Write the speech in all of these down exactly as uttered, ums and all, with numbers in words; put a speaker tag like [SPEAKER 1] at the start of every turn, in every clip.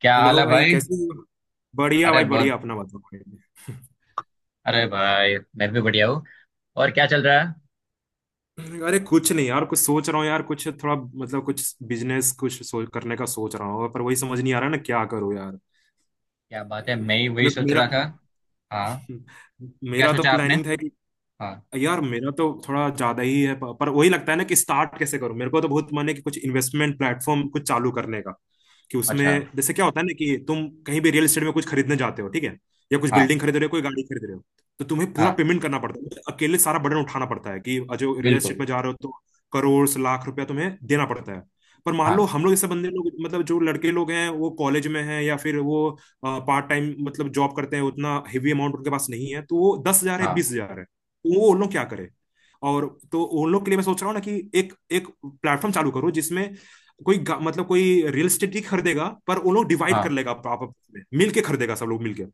[SPEAKER 1] क्या हाल
[SPEAKER 2] हेलो
[SPEAKER 1] है
[SPEAKER 2] भाई,
[SPEAKER 1] भाई।
[SPEAKER 2] कैसे हो। बढ़िया
[SPEAKER 1] अरे
[SPEAKER 2] भाई, बढ़िया।
[SPEAKER 1] बहुत।
[SPEAKER 2] अपना बताओ भाई।
[SPEAKER 1] अरे भाई मैं भी बढ़िया हूँ। और क्या चल रहा है?
[SPEAKER 2] अरे कुछ नहीं यार, कुछ सोच रहा हूँ यार। कुछ थोड़ा मतलब कुछ बिजनेस कुछ सोच करने का सोच रहा हूँ पर वही समझ नहीं आ रहा ना, क्या करूँ यार।
[SPEAKER 1] क्या बात है, मैं ही वही
[SPEAKER 2] मे-
[SPEAKER 1] सोच
[SPEAKER 2] मेरा
[SPEAKER 1] रहा था। हाँ। क्या
[SPEAKER 2] मेरा तो
[SPEAKER 1] सोचा आपने?
[SPEAKER 2] प्लानिंग था कि
[SPEAKER 1] हाँ।
[SPEAKER 2] यार मेरा तो थोड़ा ज्यादा ही है प- पर वही लगता है ना कि स्टार्ट कैसे करूं। मेरे को तो बहुत मन है कि कुछ इन्वेस्टमेंट प्लेटफॉर्म कुछ चालू करने का। कि उसमें
[SPEAKER 1] अच्छा।
[SPEAKER 2] जैसे क्या होता है ना, कि तुम कहीं भी रियल एस्टेट में कुछ खरीदने जाते हो, ठीक है, या कुछ
[SPEAKER 1] हाँ।
[SPEAKER 2] बिल्डिंग खरीद रहे हो, कोई गाड़ी खरीद रहे हो, तो तुम्हें पूरा
[SPEAKER 1] हाँ।
[SPEAKER 2] पेमेंट करना पड़ता है, अकेले सारा बर्डन उठाना पड़ता है कि जो रियल एस्टेट
[SPEAKER 1] बिल्कुल।
[SPEAKER 2] में जा रहे हो। तो करोड़ से लाख रुपया तुम्हें देना पड़ता है। पर मान लो
[SPEAKER 1] हाँ।
[SPEAKER 2] हम लोग जैसे बंदे लोग, मतलब जो लड़के लोग हैं वो कॉलेज में हैं, या फिर वो पार्ट टाइम मतलब जॉब करते हैं, उतना हेवी अमाउंट उनके पास नहीं है। तो वो दस हजार है,
[SPEAKER 1] हाँ।
[SPEAKER 2] बीस हजार है, वो उन लोग क्या करे। और तो उन लोग के लिए मैं सोच रहा हूँ ना कि एक एक प्लेटफॉर्म चालू करो, जिसमें कोई गा- मतलब कोई रियल एस्टेट ही खरीदेगा, पर उन लोग डिवाइड कर
[SPEAKER 1] हाँ।
[SPEAKER 2] लेगा। आप आप- में मिल के खरीदेगा, सब लोग मिल के।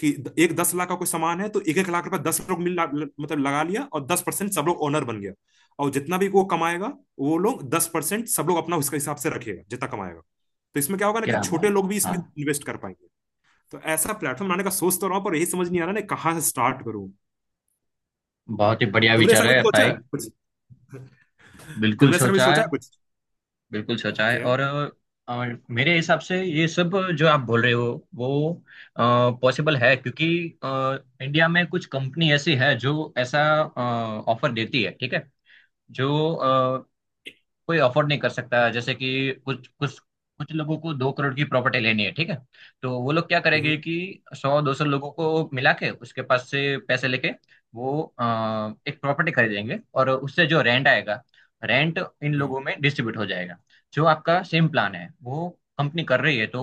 [SPEAKER 2] कि द- एक दस लाख का कोई सामान है तो एक एक लाख रुपए दस लोग मिल ला- ल- मतलब लगा लिया, और दस परसेंट सब लोग ओनर बन गया। और जितना भी वो कमाएगा, वो लोग दस परसेंट सब लोग अपना उसके हिसाब से रखेगा, जितना कमाएगा। तो इसमें क्या होगा ना कि
[SPEAKER 1] क्या
[SPEAKER 2] छोटे
[SPEAKER 1] बात।
[SPEAKER 2] लोग भी
[SPEAKER 1] हाँ।
[SPEAKER 2] इसमें इन्वेस्ट कर पाएंगे। तो ऐसा प्लेटफॉर्म बनाने का सोच तो रहा हूँ, पर यही समझ नहीं आ रहा ना, कहाँ से स्टार्ट करूँ।
[SPEAKER 1] बहुत ही बढ़िया
[SPEAKER 2] तुमने ऐसा
[SPEAKER 1] विचार
[SPEAKER 2] कभी
[SPEAKER 1] है
[SPEAKER 2] सोचा
[SPEAKER 1] भाई।
[SPEAKER 2] है?
[SPEAKER 1] बिल्कुल
[SPEAKER 2] तुमने ऐसा कभी
[SPEAKER 1] सोचा है।
[SPEAKER 2] सोचा है कुछ?
[SPEAKER 1] बिल्कुल सोचा है।
[SPEAKER 2] ओके।
[SPEAKER 1] और, और मेरे हिसाब से ये सब जो आप बोल रहे हो वो पॉसिबल है, क्योंकि अ, इंडिया में कुछ कंपनी ऐसी है जो ऐसा ऑफर देती है, ठीक है। जो अ, कोई अफोर्ड नहीं कर सकता। जैसे कि कुछ कुछ कुछ लोगों को दो करोड़ की प्रॉपर्टी लेनी है, ठीक है। तो वो लोग क्या
[SPEAKER 2] हम्म।
[SPEAKER 1] करेंगे कि सौ दो सौ लोगों को मिला के उसके पास से पैसे लेके वो अ, एक प्रॉपर्टी खरीदेंगे, और उससे जो रेंट आएगा रेंट इन
[SPEAKER 2] हम्म।
[SPEAKER 1] लोगों में डिस्ट्रीब्यूट हो जाएगा। जो आपका सेम प्लान है वो कंपनी कर रही है। तो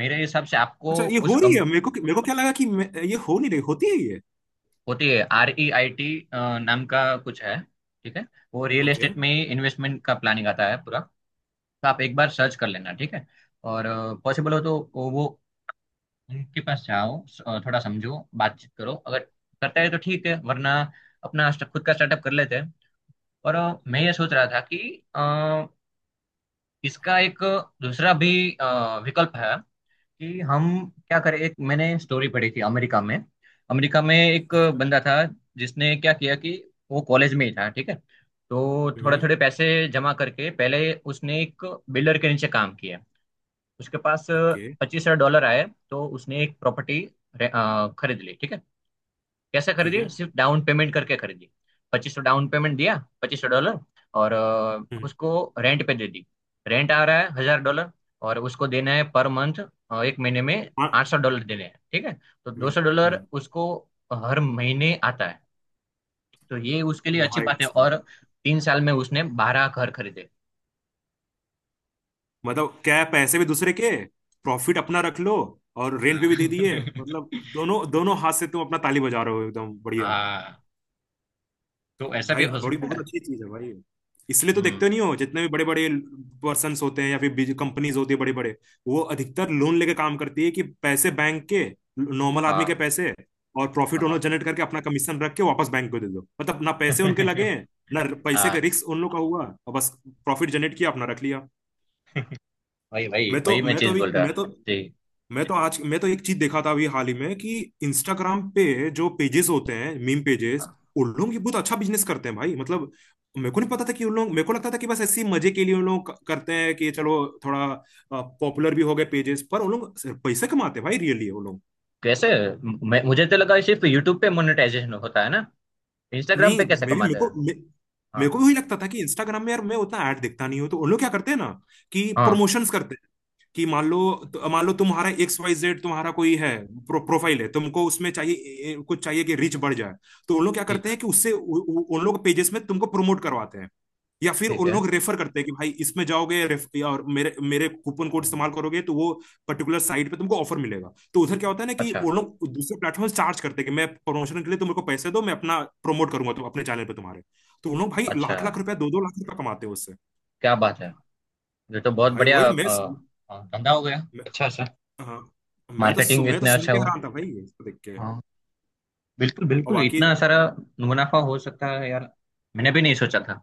[SPEAKER 1] मेरे हिसाब से आपको
[SPEAKER 2] अच्छा, ये
[SPEAKER 1] उस
[SPEAKER 2] हो रही
[SPEAKER 1] कम
[SPEAKER 2] है? मेरे को मेरे को क्या लगा कि मैं- ये हो नहीं रही होती है ये।
[SPEAKER 1] होती है। आर ई आई टी नाम का कुछ है, ठीक है। वो रियल
[SPEAKER 2] ओके।
[SPEAKER 1] एस्टेट में इन्वेस्टमेंट का प्लानिंग आता है पूरा। तो आप एक बार सर्च कर लेना, ठीक है। और पॉसिबल हो तो वो वो उनके पास जाओ, स- अ, थोड़ा समझो, बातचीत करो। अगर करता है तो ठीक है, वरना अपना स्ट- खुद का स्टार्टअप कर लेते हैं। और अ, मैं ये सोच रहा था कि अ, इसका एक दूसरा भी अ, विकल्प है, कि हम क्या करें। एक मैंने स्टोरी पढ़ी थी अमेरिका में। अमेरिका में एक
[SPEAKER 2] अच्छा।
[SPEAKER 1] बंदा था जिसने क्या किया कि वो कॉलेज में ही था, ठीक है। तो थोड़े
[SPEAKER 2] हम्म।
[SPEAKER 1] थोड़े पैसे जमा करके पहले उसने एक बिल्डर के नीचे काम किया। उसके पास
[SPEAKER 2] ओके।
[SPEAKER 1] पच्चीस हजार डॉलर आए। तो उसने एक प्रॉपर्टी खरीद ली, ठीक है। कैसे
[SPEAKER 2] ठीक
[SPEAKER 1] खरीदी?
[SPEAKER 2] है।
[SPEAKER 1] सिर्फ डाउन पेमेंट करके खरीदी। पच्चीस सौ डाउन पेमेंट दिया, पच्चीस सौ डॉलर। और अ,
[SPEAKER 2] हम्म।
[SPEAKER 1] उसको रेंट पे दे दी। रेंट आ रहा है हजार डॉलर, और उसको देना है पर मंथ एक महीने में
[SPEAKER 2] हाँ।
[SPEAKER 1] आठ सौ डॉलर देने हैं, ठीक है। तो दो
[SPEAKER 2] हम्म।
[SPEAKER 1] सौ
[SPEAKER 2] हम्म।
[SPEAKER 1] डॉलर उसको हर महीने आता है। तो ये उसके लिए अच्छी
[SPEAKER 2] भाई
[SPEAKER 1] बात है।
[SPEAKER 2] साहब।
[SPEAKER 1] और तीन साल में उसने बारह घर खरीदे।
[SPEAKER 2] मतलब क्या है, पैसे भी दूसरे के, प्रॉफिट अपना रख लो और रेंट
[SPEAKER 1] हाँ
[SPEAKER 2] भी, भी दे दिए। मतलब दोनों दोनों हाथ से तुम अपना ताली बजा रहे हो, एकदम बढ़िया।
[SPEAKER 1] हाँ। तो ऐसा भी
[SPEAKER 2] भाई
[SPEAKER 1] हो
[SPEAKER 2] बड़ी
[SPEAKER 1] सकता
[SPEAKER 2] बहुत
[SPEAKER 1] है।
[SPEAKER 2] अच्छी चीज है भाई। इसलिए तो
[SPEAKER 1] हम्म।
[SPEAKER 2] देखते नहीं हो जितने भी बड़े बड़े पर्सन होते हैं, या फिर कंपनीज होती है बड़े बड़े, वो अधिकतर लोन लेके काम करती है। कि पैसे बैंक के, नॉर्मल आदमी के
[SPEAKER 1] हाँ।
[SPEAKER 2] पैसे, और प्रॉफिट उन्होंने
[SPEAKER 1] हाँ
[SPEAKER 2] जनरेट करके अपना कमीशन रख के वापस बैंक को दे दो। मतलब ना पैसे उनके लगे हैं, ना पैसे का
[SPEAKER 1] हाँ।
[SPEAKER 2] रिस्क उन लोग का हुआ, और बस प्रॉफिट जनरेट किया, अपना रख लिया।
[SPEAKER 1] वही वही
[SPEAKER 2] मैं तो
[SPEAKER 1] वही मैं
[SPEAKER 2] मैं तो
[SPEAKER 1] चीज बोल
[SPEAKER 2] अभी
[SPEAKER 1] रहा।
[SPEAKER 2] मैं तो
[SPEAKER 1] जी।
[SPEAKER 2] मैं तो आज मैं तो एक चीज देखा था अभी हाल ही में, कि इंस्टाग्राम पे जो पेजेस होते हैं, मीम पेजेस,
[SPEAKER 1] हाँ।
[SPEAKER 2] उन लोग ये बहुत अच्छा बिजनेस करते हैं भाई। मतलब मेरे को नहीं पता था कि उन लोग, मेरे को लगता था कि बस ऐसे ही मजे के लिए उन लोग क- करते हैं। कि चलो थोड़ा पॉपुलर भी हो गए पेजेस, पर उन लोग सिर्फ पैसे कमाते हैं भाई, रियली वो लोग।
[SPEAKER 1] कैसे? मैं, मुझे तो लगा सिर्फ यूट्यूब पे मोनेटाइजेशन होता है ना। इंस्टाग्राम
[SPEAKER 2] नहीं,
[SPEAKER 1] पे कैसे
[SPEAKER 2] मैं भी, मेरे
[SPEAKER 1] कमाते
[SPEAKER 2] को
[SPEAKER 1] हैं?
[SPEAKER 2] मे-
[SPEAKER 1] हाँ।
[SPEAKER 2] मेरे को भी वही लगता था कि इंस्टाग्राम में यार मैं उतना ऐड देखता नहीं हूँ। तो उन लोग क्या करते हैं ना कि
[SPEAKER 1] हाँ।
[SPEAKER 2] प्रमोशंस करते, कि मान लो, तो,
[SPEAKER 1] हाँ।
[SPEAKER 2] मान लो तुम्हारा एक्स वाई जेड, तुम्हारा कोई है प्रो, प्रोफाइल है, तुमको उसमें चाहिए ए- ए- कुछ चाहिए कि रीच बढ़ जाए। तो उन लोग क्या
[SPEAKER 1] ठीक
[SPEAKER 2] करते
[SPEAKER 1] है।
[SPEAKER 2] हैं कि उससे उ- उ- उन लोग पेजेस में तुमको प्रमोट करवाते हैं। या फिर
[SPEAKER 1] ठीक
[SPEAKER 2] उन
[SPEAKER 1] है।
[SPEAKER 2] लोग रेफर करते हैं कि भाई इसमें जाओगे रेफ- या और मेरे मेरे कूपन कोड इस्तेमाल करोगे तो वो पर्टिकुलर साइट पे तुमको ऑफर मिलेगा। तो उधर क्या होता है ना कि
[SPEAKER 1] अच्छा।
[SPEAKER 2] उन लोग दूसरे प्लेटफॉर्म चार्ज करते हैं कि मैं प्रमोशन के लिए, तुम मेरे को पैसे दो, मैं अपना प्रमोट करूंगा तुम अपने चैनल पे तुम्हारे। तो उन लोग भाई
[SPEAKER 1] अच्छा।
[SPEAKER 2] लाख लाख रुपया, दो दो लाख रुपया कमाते हैं उससे।
[SPEAKER 1] क्या बात है। ये तो बहुत
[SPEAKER 2] भाई
[SPEAKER 1] बढ़िया
[SPEAKER 2] वही मैं।
[SPEAKER 1] अ, अ, धंधा हो गया। अच्छा सर।
[SPEAKER 2] हाँ। मैं तो सु,
[SPEAKER 1] मार्केटिंग
[SPEAKER 2] मैं तो
[SPEAKER 1] इतने
[SPEAKER 2] सुन
[SPEAKER 1] अच्छा
[SPEAKER 2] के
[SPEAKER 1] हुआ।
[SPEAKER 2] हैरान था भाई इसको देख के।
[SPEAKER 1] हाँ। बिल्कुल
[SPEAKER 2] और
[SPEAKER 1] बिल्कुल
[SPEAKER 2] बाकी।
[SPEAKER 1] इतना सारा मुनाफा हो सकता है यार। मैंने भी नहीं सोचा था।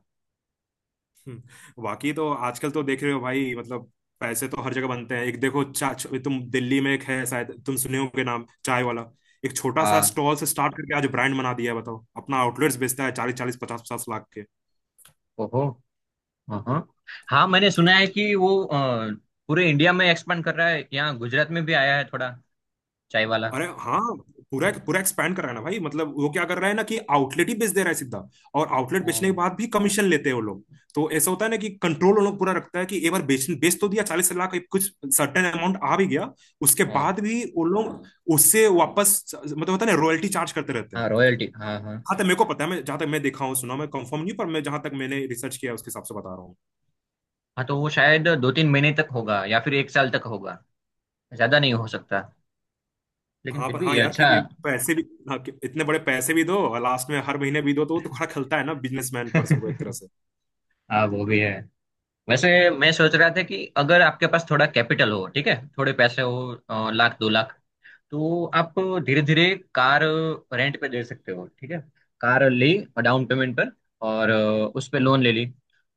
[SPEAKER 2] हम्म। बाकी तो आजकल तो देख रहे हो भाई, मतलब पैसे तो हर जगह बनते हैं। एक देखो, चा, च- तुम दिल्ली में एक है शायद, तुम सुने होंगे नाम, चाय वाला। एक छोटा सा
[SPEAKER 1] हाँ।
[SPEAKER 2] स्टॉल से स्टार्ट करके आज ब्रांड बना दिया है। बताओ, अपना आउटलेट्स बेचता है चालीस चालीस पचास पचास लाख के।
[SPEAKER 1] ओहो। हाँ हाँ। हाँ, मैंने सुना है कि वो अ, पूरे इंडिया में एक्सपांड कर रहा है, यहाँ गुजरात में भी आया है थोड़ा। चाय वाला।
[SPEAKER 2] अरे हाँ। पूरा पूरा एक्सपैंड कर रहा है ना भाई। मतलब वो क्या कर रहा है ना कि आउटलेट ही बेच दे रहा है सीधा, और आउटलेट बेचने के
[SPEAKER 1] हाँ।
[SPEAKER 2] बाद भी कमीशन लेते हैं वो लोग। तो ऐसा होता है ना कि कंट्रोल वो लोग पूरा रखता है। कि एक बार बेच बेच तो दिया चालीस लाख, कुछ सर्टेन अमाउंट आ भी गया, उसके
[SPEAKER 1] हाँ।
[SPEAKER 2] बाद भी वो लोग उससे वापस, मतलब होता है ना, रॉयल्टी चार्ज करते रहते हैं।
[SPEAKER 1] हाँ रॉयल्टी। हाँ हाँ।
[SPEAKER 2] हाँ, तक मेरे को पता है, मैं जहां तक मैं देखा हूँ सुना, मैं कंफर्म नहीं, पर मैं जहां तक मैंने रिसर्च किया है, उसके हिसाब से बता रहा हूँ।
[SPEAKER 1] हाँ तो वो शायद दो तीन महीने तक होगा या फिर एक साल तक होगा। ज्यादा नहीं हो सकता, लेकिन
[SPEAKER 2] हाँ
[SPEAKER 1] फिर
[SPEAKER 2] पर
[SPEAKER 1] भी
[SPEAKER 2] हाँ
[SPEAKER 1] ये
[SPEAKER 2] यार,
[SPEAKER 1] अच्छा।
[SPEAKER 2] क्योंकि पैसे भी, हाँ, कि- इतने बड़े पैसे भी दो और लास्ट में हर महीने भी दो, तो वो तो खड़ा खलता है ना बिजनेसमैन पर्सन को एक तरह से।
[SPEAKER 1] हाँ वो भी है। वैसे, मैं सोच रहा था कि अगर आपके पास थोड़ा कैपिटल हो, ठीक है, थोड़े पैसे हो अ, लाख दो लाख, तो आप धीरे धीरे कार रेंट पे दे सकते हो, ठीक है। कार ली और डाउन पेमेंट पर, और अ, उस पे
[SPEAKER 2] हम्म।
[SPEAKER 1] लोन ले ली।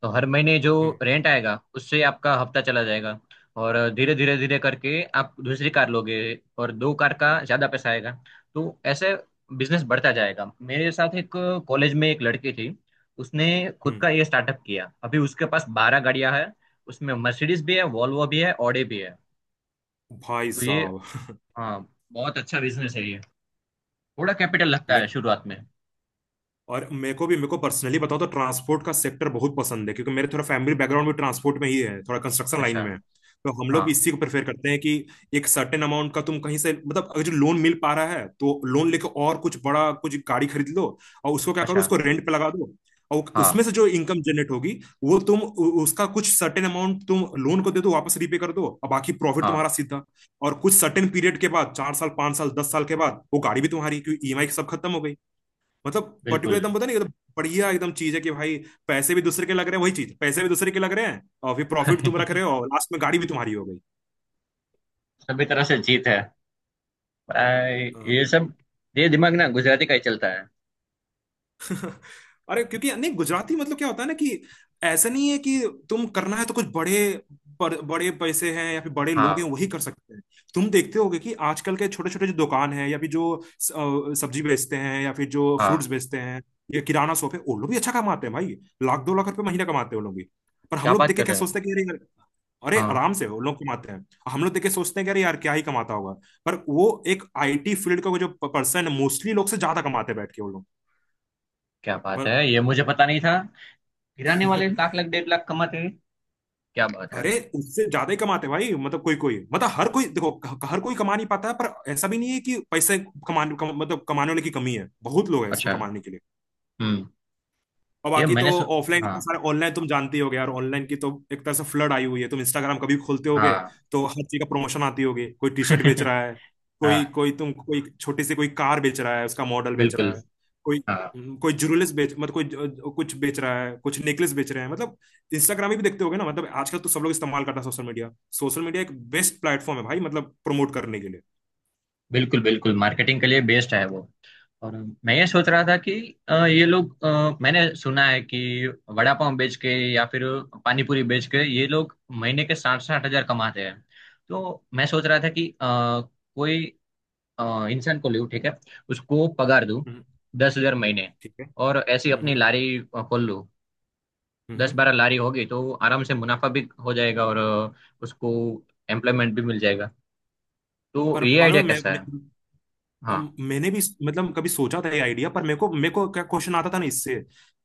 [SPEAKER 1] तो हर महीने जो
[SPEAKER 2] हम्म।
[SPEAKER 1] रेंट आएगा उससे आपका हफ्ता चला जाएगा। और धीरे धीरे धीरे करके आप दूसरी कार लोगे, और दो कार का ज्यादा पैसा आएगा। तो ऐसे बिजनेस बढ़ता जाएगा। मेरे साथ एक कॉलेज में एक लड़की थी, उसने खुद
[SPEAKER 2] हम्म।
[SPEAKER 1] का ये स्टार्टअप किया। अभी उसके पास बारह गाड़ियां हैं, उसमें मर्सिडीज भी है वॉल्वो भी है ऑडी भी है।
[SPEAKER 2] भाई
[SPEAKER 1] तो ये
[SPEAKER 2] साहब।
[SPEAKER 1] हाँ बहुत अच्छा बिजनेस है ये। थोड़ा कैपिटल लगता है
[SPEAKER 2] मैं,
[SPEAKER 1] शुरुआत में।
[SPEAKER 2] और मेरे को भी, मेरे को पर्सनली बताओ तो ट्रांसपोर्ट का सेक्टर बहुत पसंद है, क्योंकि मेरे थोड़ा फैमिली बैकग्राउंड भी ट्रांसपोर्ट में ही है, थोड़ा कंस्ट्रक्शन लाइन
[SPEAKER 1] अच्छा।
[SPEAKER 2] में है। तो हम लोग
[SPEAKER 1] हाँ।
[SPEAKER 2] भी इसी को प्रेफर करते हैं कि एक सर्टेन अमाउंट का तुम कहीं से, मतलब अगर जो लोन मिल पा रहा है, तो लोन लेके और कुछ बड़ा, कुछ गाड़ी खरीद लो, और उसको क्या करो,
[SPEAKER 1] अच्छा।
[SPEAKER 2] उसको रेंट पे लगा दो। और उसमें से
[SPEAKER 1] हाँ।
[SPEAKER 2] जो इनकम जनरेट होगी, वो तुम उ- उसका कुछ सर्टेन अमाउंट तुम लोन को दे दो, वापस रीपे कर दो, और बाकी प्रॉफिट
[SPEAKER 1] हाँ।
[SPEAKER 2] तुम्हारा सीधा। और कुछ सर्टेन पीरियड के बाद, चार साल पांच साल दस साल के बाद, वो गाड़ी भी तुम्हारी, क्योंकि ईएमआई सब खत्म हो गई। मतलब पर्टिकुलर
[SPEAKER 1] बिल्कुल।
[SPEAKER 2] एकदम पता नहीं, एकदम बढ़िया एकदम चीज है कि भाई, पैसे भी दूसरे के लग रहे हैं, वही चीज, पैसे भी दूसरे के लग रहे हैं और फिर प्रॉफिट तुम रख रहे हो और लास्ट में गाड़ी भी तुम्हारी हो गई।
[SPEAKER 1] सभी तरह से जीत है भाई। ये
[SPEAKER 2] अम,
[SPEAKER 1] सब ये दिमाग ना गुजराती का ही चलता है।
[SPEAKER 2] अरे क्योंकि नहीं, गुजराती मतलब क्या होता है ना कि ऐसा नहीं है कि तुम करना है तो कुछ बड़े बड़- बड़े पैसे हैं या फिर बड़े लोग हैं,
[SPEAKER 1] हाँ।
[SPEAKER 2] वही कर सकते हैं। तुम देखते होगे कि आजकल के छोटे छोटे जो दुकान है, या फिर जो स- अ, सब्जी बेचते हैं या फिर जो फ्रूट्स
[SPEAKER 1] हाँ।
[SPEAKER 2] बेचते हैं, या किराना शॉप है, वो लोग भी अच्छा कमाते हैं भाई। लाख दो लाख रुपए महीना कमाते हैं वो लोग भी। पर हम
[SPEAKER 1] क्या
[SPEAKER 2] लोग
[SPEAKER 1] बात
[SPEAKER 2] देख के
[SPEAKER 1] कर
[SPEAKER 2] क्या
[SPEAKER 1] रहे हैं।
[SPEAKER 2] सोचते हैं कि अरे यार, अरे
[SPEAKER 1] हाँ।
[SPEAKER 2] आराम से उन लोग कमाते हैं। हम लोग देख के सोचते हैं कि अरे यार क्या ही कमाता होगा, पर वो एक आईटी फील्ड का वो जो पर्सन है, मोस्टली लोग से ज्यादा कमाते हैं बैठ के वो लोग।
[SPEAKER 1] क्या बात
[SPEAKER 2] पर
[SPEAKER 1] है, ये मुझे पता नहीं था। गिराने वाले लाख लाख डेढ़ लाख कमाते हैं। क्या बात है।
[SPEAKER 2] अरे उससे ज्यादा ही कमाते हैं भाई। मतलब कोई कोई मतलब हर कोई, देखो क- हर कोई कमा नहीं पाता है, पर ऐसा भी नहीं है कि पैसे कमाने कम, मतलब कमाने वाले की कमी है। बहुत लोग हैं इसमें
[SPEAKER 1] अच्छा।
[SPEAKER 2] कमाने के लिए।
[SPEAKER 1] हम्म।
[SPEAKER 2] और
[SPEAKER 1] ये
[SPEAKER 2] बाकी तो
[SPEAKER 1] मैंने सु...
[SPEAKER 2] ऑफलाइन इतना
[SPEAKER 1] हाँ।
[SPEAKER 2] सारा, ऑनलाइन तुम जानती होगे यार, ऑनलाइन की तो एक तरह से फ्लड आई हुई है। तुम इंस्टाग्राम कभी खोलते होगे
[SPEAKER 1] हाँ।
[SPEAKER 2] तो हर चीज का प्रमोशन आती होगी। कोई टी शर्ट बेच रहा है, कोई
[SPEAKER 1] हाँ।
[SPEAKER 2] कोई, तुम कोई छोटी सी कोई कार बेच रहा है, उसका मॉडल बेच
[SPEAKER 1] बिल्कुल।
[SPEAKER 2] रहा है, कोई
[SPEAKER 1] हाँ।
[SPEAKER 2] कोई ज्वेलरीज बेच, मतलब कोई ज- कुछ बेच रहा है, कुछ नेकलेस बेच रहे हैं। मतलब इंस्टाग्राम भी देखते होगे ना, मतलब आजकल तो सब लोग इस्तेमाल करता है सोशल मीडिया। सोशल मीडिया एक बेस्ट प्लेटफॉर्म है भाई, मतलब प्रमोट करने के लिए।
[SPEAKER 1] बिल्कुल बिल्कुल मार्केटिंग के लिए बेस्ट है वो। और मैं ये सोच रहा था कि अ, ये लोग अ, मैंने सुना है कि वड़ा पाव बेच के या फिर पानी पूरी बेच के ये लोग महीने के साठ साठ हजार कमाते हैं। तो मैं सोच रहा था कि अ, कोई अ, इंसान को लूँ, ठीक है। उसको पगार दूँ
[SPEAKER 2] हम्म।
[SPEAKER 1] दस हजार महीने,
[SPEAKER 2] ठीक है।
[SPEAKER 1] और ऐसी अपनी
[SPEAKER 2] हम्म।
[SPEAKER 1] लारी अ, खोल लूँ। दस
[SPEAKER 2] हम्म।
[SPEAKER 1] बारह लारी होगी तो आराम से मुनाफा भी हो जाएगा, और अ, उसको एम्प्लॉयमेंट भी मिल जाएगा। तो
[SPEAKER 2] पर
[SPEAKER 1] ये आइडिया
[SPEAKER 2] मालूम है मैं,
[SPEAKER 1] कैसा
[SPEAKER 2] मैं
[SPEAKER 1] है?
[SPEAKER 2] अम,
[SPEAKER 1] हाँ।
[SPEAKER 2] मैंने भी, मतलब कभी सोचा था ये आइडिया, पर मेरे को मेरे को क्या क्वेश्चन आता था ना इससे,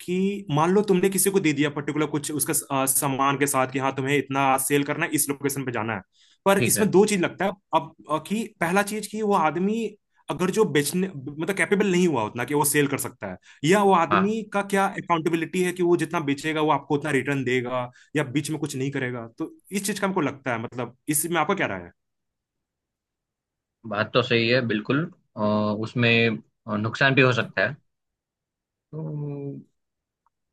[SPEAKER 2] कि मान लो तुमने किसी को दे दिया पर्टिकुलर कुछ उसका अ, सामान के साथ कि हाँ तुम्हें इतना सेल करना है, इस लोकेशन पे जाना है। पर
[SPEAKER 1] ठीक है।
[SPEAKER 2] इसमें दो चीज लगता है अब, अ, कि पहला चीज कि वो आदमी, अगर जो बेचने मतलब कैपेबल नहीं हुआ उतना कि वो सेल कर सकता है, या वो
[SPEAKER 1] हाँ।
[SPEAKER 2] आदमी का क्या अकाउंटेबिलिटी है कि वो जितना बेचेगा वो आपको उतना रिटर्न देगा, या बीच में कुछ नहीं करेगा। तो इस चीज का हमको लगता है, मतलब इसमें आपका क्या राय है?
[SPEAKER 1] बात तो सही है बिल्कुल। अ, उसमें अ, नुकसान भी हो सकता है। तो,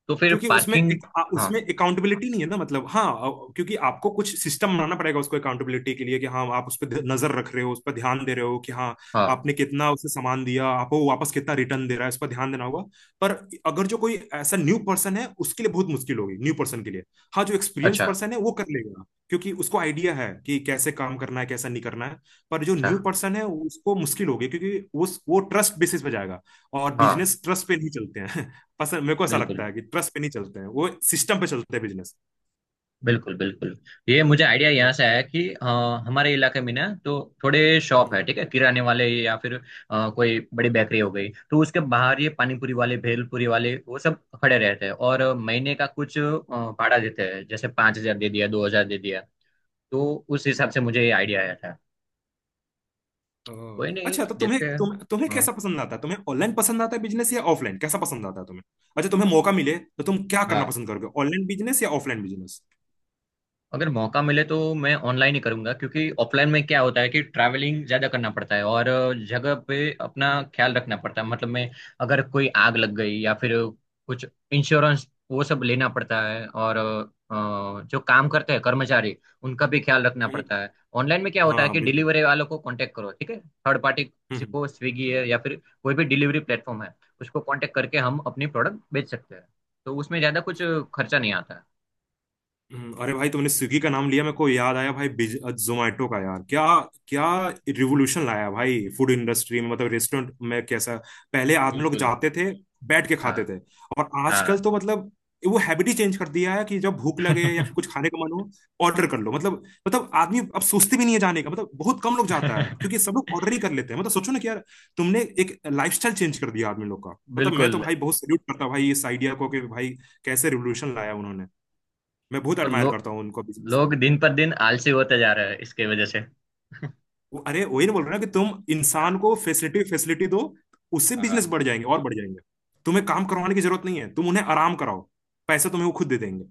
[SPEAKER 1] तो फिर
[SPEAKER 2] क्योंकि उसमें
[SPEAKER 1] पार्किंग।
[SPEAKER 2] एक, आ-
[SPEAKER 1] हाँ।
[SPEAKER 2] उसमें अकाउंटेबिलिटी नहीं है ना, मतलब हाँ, अ, क्योंकि आपको कुछ सिस्टम बनाना पड़ेगा उसको अकाउंटेबिलिटी के लिए कि हाँ, आप उस पर ध- नजर रख रहे हो, उस पर ध्यान दे रहे हो कि हाँ,
[SPEAKER 1] हाँ।
[SPEAKER 2] आपने कितना उसे सामान दिया, आपको वो वापस कितना रिटर्न दे रहा है, इस पर ध्यान देना होगा। पर अगर जो कोई ऐसा न्यू पर्सन है, उसके लिए बहुत मुश्किल होगी, न्यू पर्सन के लिए। हाँ, जो एक्सपीरियंस
[SPEAKER 1] अच्छा।
[SPEAKER 2] पर्सन है वो कर लेगा, क्योंकि उसको आइडिया है कि कैसे काम करना है, कैसा नहीं करना है। पर जो
[SPEAKER 1] अच्छा।
[SPEAKER 2] न्यू पर्सन है उसको मुश्किल होगी, क्योंकि उस वो ट्रस्ट बेसिस पे जाएगा, और
[SPEAKER 1] हाँ।
[SPEAKER 2] बिजनेस ट्रस्ट पे नहीं चलते हैं। पसंद, मेरे को ऐसा
[SPEAKER 1] बिल्कुल
[SPEAKER 2] लगता है कि ट्रस्ट पे नहीं चलते हैं, वो सिस्टम पे चलते हैं बिजनेस।
[SPEAKER 1] बिल्कुल बिल्कुल। ये मुझे आइडिया
[SPEAKER 2] हम्म।
[SPEAKER 1] यहाँ से आया कि अ, हमारे इलाके में ना तो थोड़े शॉप
[SPEAKER 2] हम्म।
[SPEAKER 1] है, ठीक है, किराने वाले या फिर अ, कोई बड़ी बेकरी हो गई, तो उसके बाहर ये पानीपुरी वाले भेलपुरी वाले वो सब खड़े रहते हैं और महीने का कुछ अ, भाड़ा देते हैं। जैसे पाँच हजार दे दिया, दो हजार दे दिया। तो उस हिसाब से मुझे ये आइडिया आया था।
[SPEAKER 2] ओह,
[SPEAKER 1] कोई नहीं,
[SPEAKER 2] अच्छा, तो तुम्हें,
[SPEAKER 1] देखते हैं।
[SPEAKER 2] तुम तुम्हें
[SPEAKER 1] हाँ।
[SPEAKER 2] कैसा पसंद आता है? तुम्हें ऑनलाइन पसंद आता है बिजनेस या ऑफलाइन, कैसा पसंद आता है तुम्हें? अच्छा, तुम्हें मौका मिले तो तुम क्या करना
[SPEAKER 1] हाँ।
[SPEAKER 2] पसंद करोगे, ऑनलाइन बिजनेस या ऑफलाइन बिजनेस?
[SPEAKER 1] अगर मौका मिले तो मैं ऑनलाइन ही करूंगा, क्योंकि ऑफलाइन में क्या होता है कि ट्रैवलिंग ज्यादा करना पड़ता है, और जगह पे अपना ख्याल रखना पड़ता है। मतलब मैं, अगर कोई आग लग गई या फिर कुछ इंश्योरेंस वो सब लेना पड़ता है, और अ, जो काम करते हैं कर्मचारी उनका भी ख्याल रखना
[SPEAKER 2] हम्म।
[SPEAKER 1] पड़ता है। ऑनलाइन में क्या होता
[SPEAKER 2] हाँ
[SPEAKER 1] है
[SPEAKER 2] हाँ,
[SPEAKER 1] कि
[SPEAKER 2] बिल्कुल।
[SPEAKER 1] डिलीवरी वालों को कांटेक्ट करो, ठीक है, थर्ड पार्टी किसी
[SPEAKER 2] हम्म।
[SPEAKER 1] को। स्विगी है या फिर कोई भी डिलीवरी प्लेटफॉर्म है, उसको कांटेक्ट करके हम अपनी प्रोडक्ट बेच सकते हैं। तो उसमें ज्यादा कुछ खर्चा नहीं आता है।
[SPEAKER 2] हम्म। अरे भाई, तुमने स्विगी का नाम लिया, मेरे को याद आया भाई, बिज जोमैटो का। यार क्या, क्या रिवोल्यूशन लाया भाई फूड इंडस्ट्री में, मतलब रेस्टोरेंट में कैसा। पहले आदमी लोग
[SPEAKER 1] बिल्कुल।
[SPEAKER 2] जाते थे, बैठ के
[SPEAKER 1] हाँ।
[SPEAKER 2] खाते थे, और आजकल
[SPEAKER 1] हाँ।
[SPEAKER 2] तो मतलब, वो हैबिट ही चेंज कर दिया है कि जब भूख लगे या फिर कुछ खाने का मन हो, ऑर्डर कर लो। मतलब, मतलब आदमी अब सोचते भी नहीं है जाने का, मतलब बहुत कम लोग जाता है, क्योंकि सब लोग ऑर्डर ही कर लेते हैं। मतलब सोचो ना कि यार, तुमने एक लाइफस्टाइल चेंज कर दिया आदमी लोग का। मतलब मैं तो
[SPEAKER 1] बिल्कुल।
[SPEAKER 2] भाई बहुत सैल्यूट करता हूँ भाई इस आइडिया को कि भाई, कैसे रिवोल्यूशन लाया उन्होंने। मैं बहुत
[SPEAKER 1] और
[SPEAKER 2] एडमायर
[SPEAKER 1] लो,
[SPEAKER 2] करता हूँ उनको बिजनेस में।
[SPEAKER 1] लोग दिन पर दिन आलसी होते जा रहे हैं इसके वजह से।
[SPEAKER 2] वो- अरे वही ना बोल रहे ना कि तुम
[SPEAKER 1] हाँ।
[SPEAKER 2] इंसान को फैसिलिटी फैसिलिटी दो, उससे बिजनेस
[SPEAKER 1] हाँ।
[SPEAKER 2] बढ़ जाएंगे और बढ़ जाएंगे। तुम्हें काम करवाने की जरूरत नहीं है, तुम उन्हें आराम कराओ, पैसा तुम्हें वो खुद दे देंगे।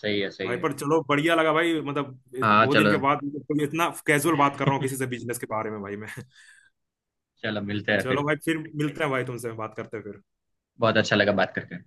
[SPEAKER 1] सही है सही
[SPEAKER 2] भाई,
[SPEAKER 1] है।
[SPEAKER 2] पर चलो बढ़िया लगा भाई, मतलब इत-
[SPEAKER 1] हाँ
[SPEAKER 2] बहुत दिन के
[SPEAKER 1] चलो।
[SPEAKER 2] बाद मतलब कोई इतना कैजुअल बात कर रहा हूँ किसी से बिजनेस के बारे में भाई मैं।
[SPEAKER 1] चलो, मिलते हैं
[SPEAKER 2] चलो
[SPEAKER 1] फिर।
[SPEAKER 2] भाई, फिर मिलते हैं भाई, तुमसे बात करते हैं फिर।
[SPEAKER 1] बहुत अच्छा लगा बात करके।